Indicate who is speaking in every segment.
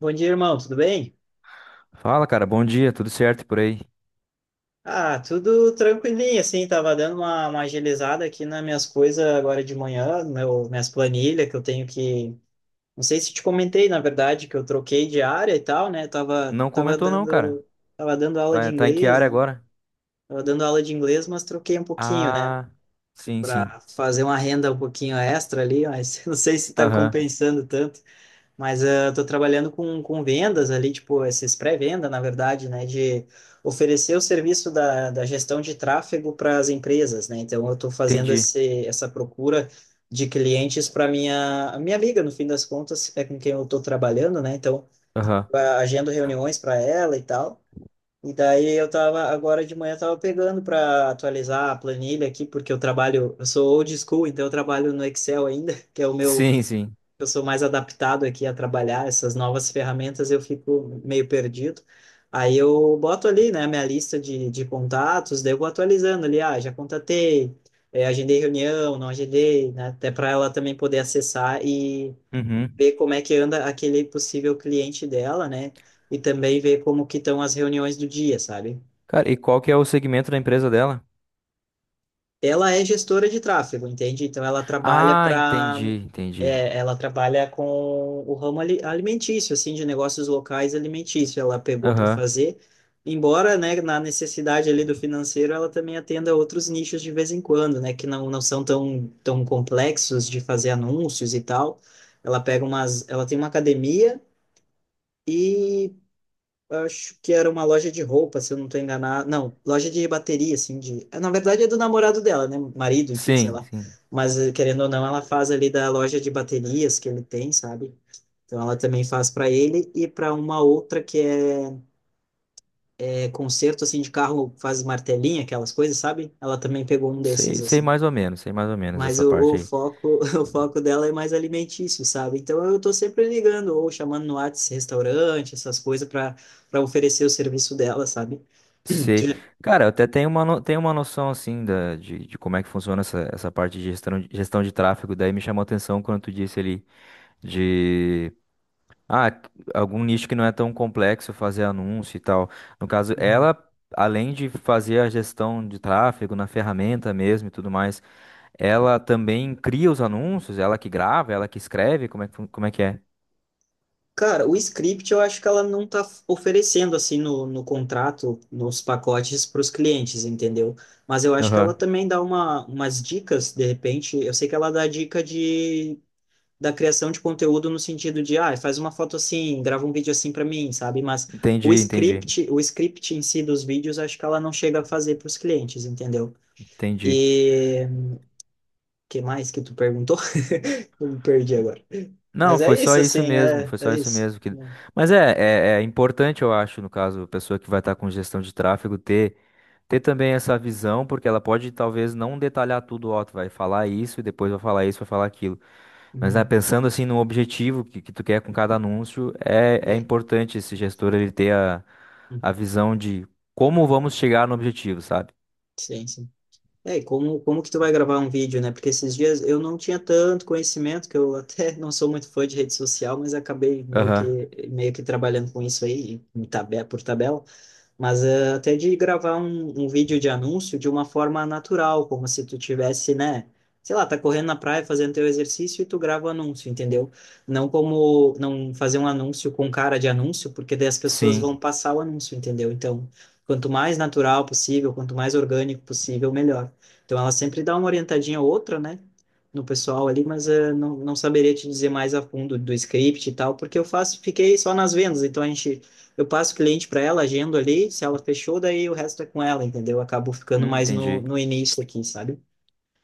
Speaker 1: Bom dia, irmão, tudo bem?
Speaker 2: Fala, cara. Bom dia, tudo certo por aí?
Speaker 1: Ah, tudo tranquilinho, assim, tava dando uma agilizada aqui nas minhas coisas agora de manhã, no meu, minhas planilhas que eu tenho que. Não sei se te comentei, na verdade, que eu troquei de área e tal, né? Tava,
Speaker 2: Não
Speaker 1: tava
Speaker 2: comentou não, cara.
Speaker 1: dando, tava dando aula de
Speaker 2: Tá, tá em que
Speaker 1: inglês,
Speaker 2: área
Speaker 1: né?
Speaker 2: agora?
Speaker 1: Tava dando aula de inglês, mas troquei um pouquinho, né?
Speaker 2: Ah, sim, sim.
Speaker 1: Pra fazer uma renda um pouquinho extra ali, mas não sei se tá
Speaker 2: Aham,
Speaker 1: compensando tanto. Mas eu estou trabalhando com vendas ali, tipo, esses pré-venda, na verdade, né, de oferecer o serviço da gestão de tráfego para as empresas, né? Então, eu estou fazendo
Speaker 2: entendi.
Speaker 1: essa procura de clientes para minha a minha amiga, no fim das contas, é com quem eu estou trabalhando, né? Então,
Speaker 2: Aham.
Speaker 1: eu agendo reuniões para ela e tal. E daí eu tava agora de manhã eu tava pegando para atualizar a planilha aqui, porque eu trabalho, eu sou old school, então eu trabalho no Excel ainda, que é o meu.
Speaker 2: Sim, sim.
Speaker 1: Eu sou mais adaptado aqui a trabalhar essas novas ferramentas, eu fico meio perdido. Aí eu boto ali, né, minha lista de contatos, daí eu vou atualizando ali, ah, já contatei, agendei reunião, não agendei, né, até para ela também poder acessar e
Speaker 2: Uhum.
Speaker 1: ver como é que anda aquele possível cliente dela, né, e também ver como que estão as reuniões do dia, sabe?
Speaker 2: Cara, e qual que é o segmento da empresa dela?
Speaker 1: Ela é gestora de tráfego, entende? Então ela trabalha
Speaker 2: Ah,
Speaker 1: para
Speaker 2: entendi, entendi.
Speaker 1: é, ela trabalha com o ramo alimentício, assim, de negócios locais alimentícios. Ela pegou para
Speaker 2: Aham.
Speaker 1: fazer, embora, né, na necessidade ali do financeiro, ela também atenda outros nichos de vez em quando, né, que não, não são tão, tão complexos de fazer anúncios e tal. Ela tem uma academia e acho que era uma loja de roupa, se eu não tô enganado. Não, loja de bateria, assim, de. Na verdade é do namorado dela, né? Marido, enfim, sei
Speaker 2: Sim,
Speaker 1: lá.
Speaker 2: sim.
Speaker 1: Mas, querendo ou não, ela faz ali da loja de baterias que ele tem, sabe? Então ela também faz para ele e para uma outra que é conserto, assim, de carro, faz martelinha, aquelas coisas, sabe? Ela também pegou um desses,
Speaker 2: Sei, sei
Speaker 1: assim.
Speaker 2: mais ou menos, sei mais ou menos
Speaker 1: Mas
Speaker 2: essa
Speaker 1: o
Speaker 2: parte aí.
Speaker 1: foco, o foco dela é mais alimentício, sabe? Então eu tô sempre ligando ou chamando no Whats restaurante, essas coisas para oferecer o serviço dela, sabe? Tu
Speaker 2: Sei.
Speaker 1: já-
Speaker 2: Cara, eu até tenho uma, tenho uma noção, assim, de como é que funciona essa, essa parte de gestão, gestão de tráfego. Daí me chamou a atenção quando tu disse ali de Ah, c- algum nicho que não é tão complexo fazer anúncio e tal. No caso,
Speaker 1: Uhum.
Speaker 2: ela, além de fazer a gestão de tráfego na ferramenta mesmo e tudo mais, ela também cria os anúncios, ela que grava, ela que escreve, como é que, como é que é?
Speaker 1: Cara, o script eu acho que ela não tá oferecendo assim no contrato, nos pacotes para os clientes, entendeu? Mas eu acho que ela
Speaker 2: Aham.
Speaker 1: também dá umas dicas, de repente. Eu sei que ela dá dica de da criação de conteúdo no sentido de, ah, faz uma foto assim, grava um vídeo assim para mim, sabe? Mas o
Speaker 2: Entendi, entendi,
Speaker 1: script, o script em si dos vídeos, acho que ela não chega a fazer para os clientes, entendeu?
Speaker 2: entendi.
Speaker 1: E o que mais que tu perguntou? Eu me perdi agora.
Speaker 2: Não,
Speaker 1: Mas é
Speaker 2: foi só
Speaker 1: isso,
Speaker 2: isso
Speaker 1: assim,
Speaker 2: mesmo,
Speaker 1: é,
Speaker 2: foi só
Speaker 1: é
Speaker 2: isso
Speaker 1: isso.
Speaker 2: mesmo que. Mas é, é importante, eu acho, no caso, a pessoa que vai estar com gestão de tráfego ter ter também essa visão, porque ela pode talvez não detalhar tudo, ó, tu vai falar isso e depois vai falar isso, vai falar aquilo. Mas né,
Speaker 1: Uhum.
Speaker 2: pensando assim no objetivo que tu quer com cada anúncio, é, é
Speaker 1: E-
Speaker 2: importante esse gestor ele ter a
Speaker 1: uhum.
Speaker 2: visão de como vamos chegar no objetivo, sabe?
Speaker 1: Sim, sim. É, e como que tu vai gravar um vídeo, né? Porque esses dias eu não tinha tanto conhecimento, que eu até não sou muito fã de rede social, mas acabei meio
Speaker 2: Aham.
Speaker 1: que, meio que trabalhando com isso aí, em por tabela. Mas até de gravar um vídeo de anúncio de uma forma natural, como se tu tivesse, né, sei lá, tá correndo na praia fazendo teu exercício e tu grava o anúncio, entendeu? Não como não fazer um anúncio com cara de anúncio, porque daí as pessoas vão
Speaker 2: Sim.
Speaker 1: passar o anúncio, entendeu? Então, quanto mais natural possível, quanto mais orgânico possível, melhor. Então, ela sempre dá uma orientadinha ou outra, né? No pessoal ali, mas não, não saberia te dizer mais a fundo do script e tal, porque eu faço, fiquei só nas vendas, então a gente eu passo o cliente para ela, agendo ali, se ela fechou, daí o resto é com ela, entendeu? Eu acabo ficando mais no,
Speaker 2: Entendi.
Speaker 1: no início aqui, sabe?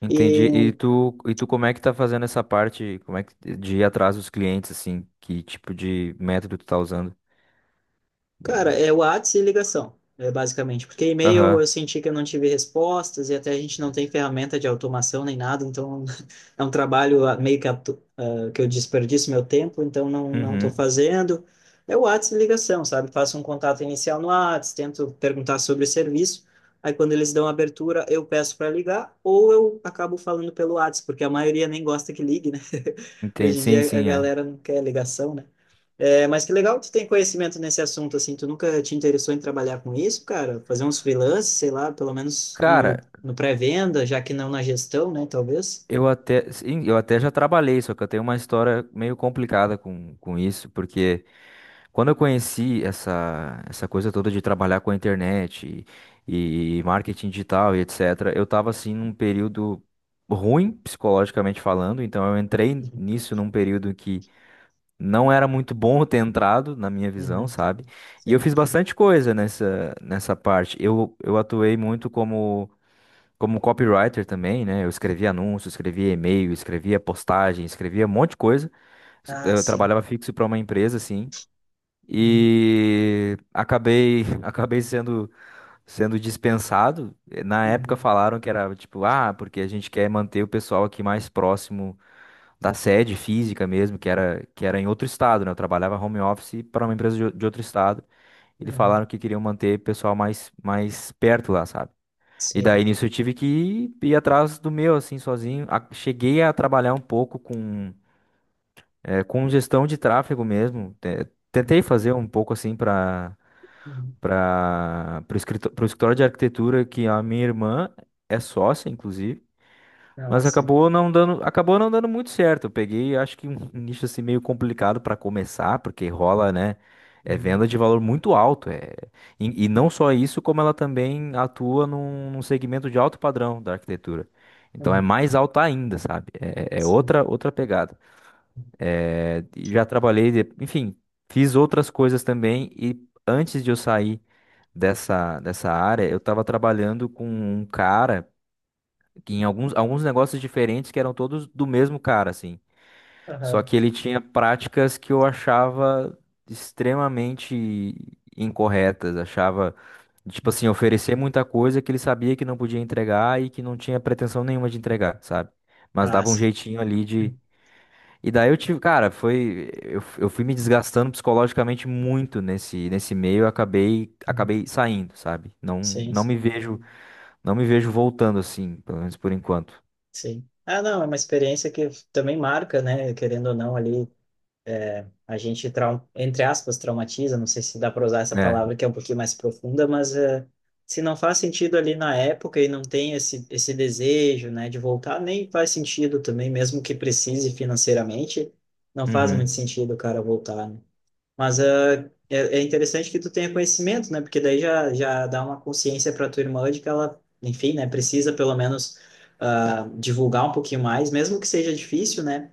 Speaker 2: Entendi.
Speaker 1: E
Speaker 2: E tu como é que tá fazendo essa parte, como é que de ir atrás dos clientes assim, que tipo de método tu tá usando?
Speaker 1: Cara, é WhatsApp e ligação, é basicamente. Porque e-mail
Speaker 2: Aham.
Speaker 1: eu senti que eu não tive respostas e até a gente não tem ferramenta de automação nem nada, então é um trabalho meio que, que eu desperdiço meu tempo, então não estou
Speaker 2: Uhum.
Speaker 1: fazendo. É WhatsApp e ligação, sabe? Faço um contato inicial no WhatsApp, tento perguntar sobre o serviço. Aí quando eles dão abertura, eu peço para ligar ou eu acabo falando pelo WhatsApp, porque a maioria nem gosta que ligue, né?
Speaker 2: Entendi.
Speaker 1: Hoje em
Speaker 2: Sim,
Speaker 1: dia a
Speaker 2: sim, é.
Speaker 1: galera não quer ligação, né? É, mas que legal que tu tem conhecimento nesse assunto, assim, tu nunca te interessou em trabalhar com isso, cara? Fazer uns freelances, sei lá, pelo menos no,
Speaker 2: Cara,
Speaker 1: no pré-venda, já que não na gestão, né, talvez?
Speaker 2: eu até, sim, eu até já trabalhei, só que eu tenho uma história meio complicada com isso, porque quando eu conheci essa, essa coisa toda de trabalhar com a internet e marketing digital e etc., eu estava assim num período ruim psicologicamente falando, então eu entrei
Speaker 1: Uhum.
Speaker 2: nisso num período que não era muito bom eu ter entrado, na minha visão,
Speaker 1: Uhum.
Speaker 2: sabe? E eu
Speaker 1: Sim.
Speaker 2: fiz bastante coisa nessa, nessa parte. Eu atuei muito como, como copywriter também, né? Eu escrevia anúncios, escrevia e-mail, escrevia postagem, escrevia um monte de coisa.
Speaker 1: Ah,
Speaker 2: Eu
Speaker 1: sim.
Speaker 2: trabalhava fixo para uma empresa, assim,
Speaker 1: Uhum.
Speaker 2: e acabei acabei sendo sendo dispensado. Na época
Speaker 1: Uhum.
Speaker 2: falaram que era tipo, ah, porque a gente quer manter o pessoal aqui mais próximo da sede física mesmo, que era em outro estado, né? Eu trabalhava home office para uma empresa de, de outro estado. Eles
Speaker 1: Uhum.
Speaker 2: falaram que queriam manter o pessoal mais mais perto lá, sabe? E
Speaker 1: Sim.
Speaker 2: daí nisso eu tive que ir, ir atrás do meu, assim, sozinho. Cheguei a trabalhar um pouco com, com gestão de tráfego mesmo. Tentei fazer um pouco assim para
Speaker 1: Uhum.
Speaker 2: para o escritório, escritório de arquitetura que a minha irmã é sócia, inclusive,
Speaker 1: Ah,
Speaker 2: mas
Speaker 1: sim.
Speaker 2: acabou não dando muito certo. Eu peguei, acho que um nicho assim meio complicado para começar, porque rola, né? É
Speaker 1: Uhum.
Speaker 2: venda de valor muito alto. É... E, e não só isso, como ela também atua num, num segmento de alto padrão da arquitetura. Então é
Speaker 1: Uhum.
Speaker 2: mais alto ainda, sabe? É, é
Speaker 1: Sim.
Speaker 2: outra outra pegada. É, já trabalhei, enfim, fiz outras coisas também e antes de eu sair dessa, dessa área, eu estava trabalhando com um cara que em alguns, alguns negócios diferentes que eram todos do mesmo cara, assim. Só
Speaker 1: Aham.
Speaker 2: que ele tinha práticas que eu achava extremamente incorretas, achava, tipo assim,
Speaker 1: Uhum.
Speaker 2: oferecer muita coisa que ele sabia que não podia entregar e que não tinha pretensão nenhuma de entregar, sabe? Mas
Speaker 1: Ah,
Speaker 2: dava um
Speaker 1: sim.
Speaker 2: jeitinho ali e daí eu tive, cara, foi, eu fui me desgastando psicologicamente muito nesse nesse meio, eu acabei
Speaker 1: Uhum.
Speaker 2: acabei saindo, sabe? Não
Speaker 1: Sim,
Speaker 2: não me
Speaker 1: sim,
Speaker 2: vejo, não me vejo voltando assim, pelo menos por enquanto.
Speaker 1: sim. Ah, não, é uma experiência que também marca, né? Querendo ou não, ali. É, a gente, entre aspas, traumatiza, não sei se dá para usar essa
Speaker 2: É.
Speaker 1: palavra que é um pouquinho mais profunda, mas se não faz sentido ali na época e não tem esse desejo, né, de voltar, nem faz sentido também, mesmo que precise financeiramente, não faz muito
Speaker 2: Uhum.
Speaker 1: sentido o cara voltar, né? Mas é interessante que tu tenha conhecimento, né, porque daí já dá uma consciência para tua irmã de que ela, enfim, né, precisa pelo menos ah, divulgar um pouquinho mais, mesmo que seja difícil, né?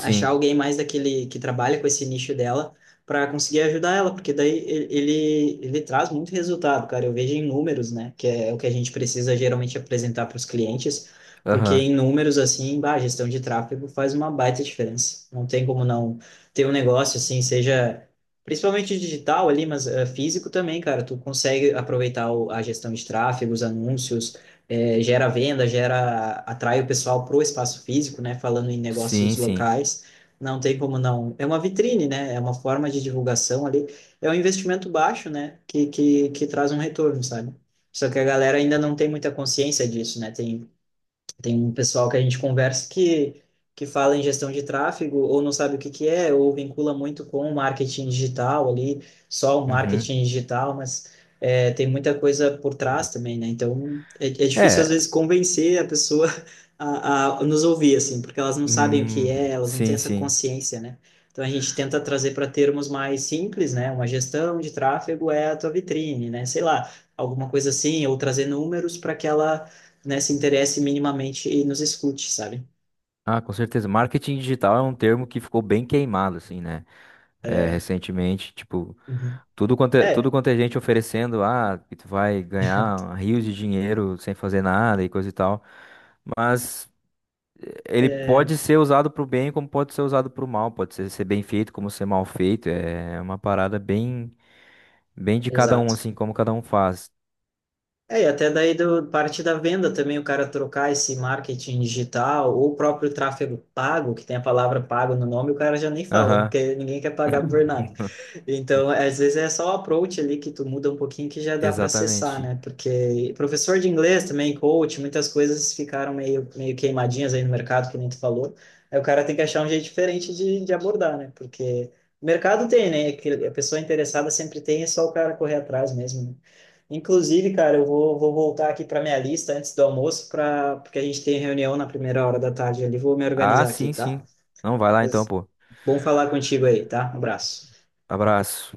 Speaker 1: Achar alguém mais daquele que trabalha com esse nicho dela para conseguir ajudar ela, porque daí ele, traz muito resultado, cara. Eu vejo em números, né, que é o que a gente precisa geralmente apresentar para os clientes, porque
Speaker 2: Aham.
Speaker 1: em números, assim, bah, a gestão de tráfego faz uma baita diferença. Não tem como não ter um negócio assim, seja. Principalmente digital ali, mas físico também, cara. Tu consegue aproveitar a gestão de tráfego, os anúncios, é, gera venda, gera, atrai o pessoal para o espaço físico, né? Falando em negócios
Speaker 2: Sim, sim.
Speaker 1: locais, não tem como não. É uma vitrine, né? É uma forma de divulgação ali. É um investimento baixo, né? Que traz um retorno, sabe? Só que a galera ainda não tem muita consciência disso, né? Tem um pessoal que a gente conversa que fala em gestão de tráfego ou não sabe o que que é, ou vincula muito com o marketing digital ali, só o
Speaker 2: Uhum.
Speaker 1: marketing digital, mas é, tem muita coisa por trás também, né? Então é difícil
Speaker 2: É.
Speaker 1: às vezes convencer a pessoa a nos ouvir, assim, porque elas não sabem o que
Speaker 2: Hum,
Speaker 1: é, elas não têm
Speaker 2: sim,
Speaker 1: essa
Speaker 2: sim.
Speaker 1: consciência, né? Então a gente tenta trazer para termos mais simples, né? Uma gestão de tráfego é a tua vitrine, né? Sei lá, alguma coisa assim, ou trazer números para que ela né, se interesse minimamente e nos escute, sabe?
Speaker 2: Ah, com certeza. Marketing digital é um termo que ficou bem queimado, assim, né? É,
Speaker 1: É,
Speaker 2: recentemente, tipo,
Speaker 1: uhum.
Speaker 2: tudo quanto é, tudo
Speaker 1: É,
Speaker 2: quanto é gente oferecendo, ah, que tu vai ganhar rios de dinheiro sem fazer nada e coisa e tal. Mas ele
Speaker 1: é,
Speaker 2: pode ser usado pro bem como pode ser usado pro mal. Pode ser, ser bem feito como ser mal feito. É uma parada bem, bem de cada um,
Speaker 1: exato.
Speaker 2: assim, como cada um faz.
Speaker 1: É, e até daí parte da venda também, o cara trocar esse marketing digital ou o próprio tráfego pago, que tem a palavra pago no nome, o cara já nem fala, né?
Speaker 2: Aham,
Speaker 1: Porque ninguém quer pagar por nada. Então, às vezes é só o approach ali que tu muda um pouquinho que já dá para acessar,
Speaker 2: exatamente.
Speaker 1: né? Porque professor de inglês também, coach, muitas coisas ficaram meio, meio queimadinhas aí no mercado, que nem tu falou. Aí o cara tem que achar um jeito diferente de abordar, né? Porque mercado tem, né? Que a pessoa interessada sempre tem, é só o cara correr atrás mesmo, né? Inclusive, cara, eu vou voltar aqui para minha lista antes do almoço, porque a gente tem reunião na primeira hora da tarde ali. Vou me
Speaker 2: Ah,
Speaker 1: organizar aqui,
Speaker 2: sim,
Speaker 1: tá?
Speaker 2: sim. Não, vai lá então,
Speaker 1: Mas
Speaker 2: pô.
Speaker 1: bom falar contigo aí, tá? Abraço.
Speaker 2: Abraço.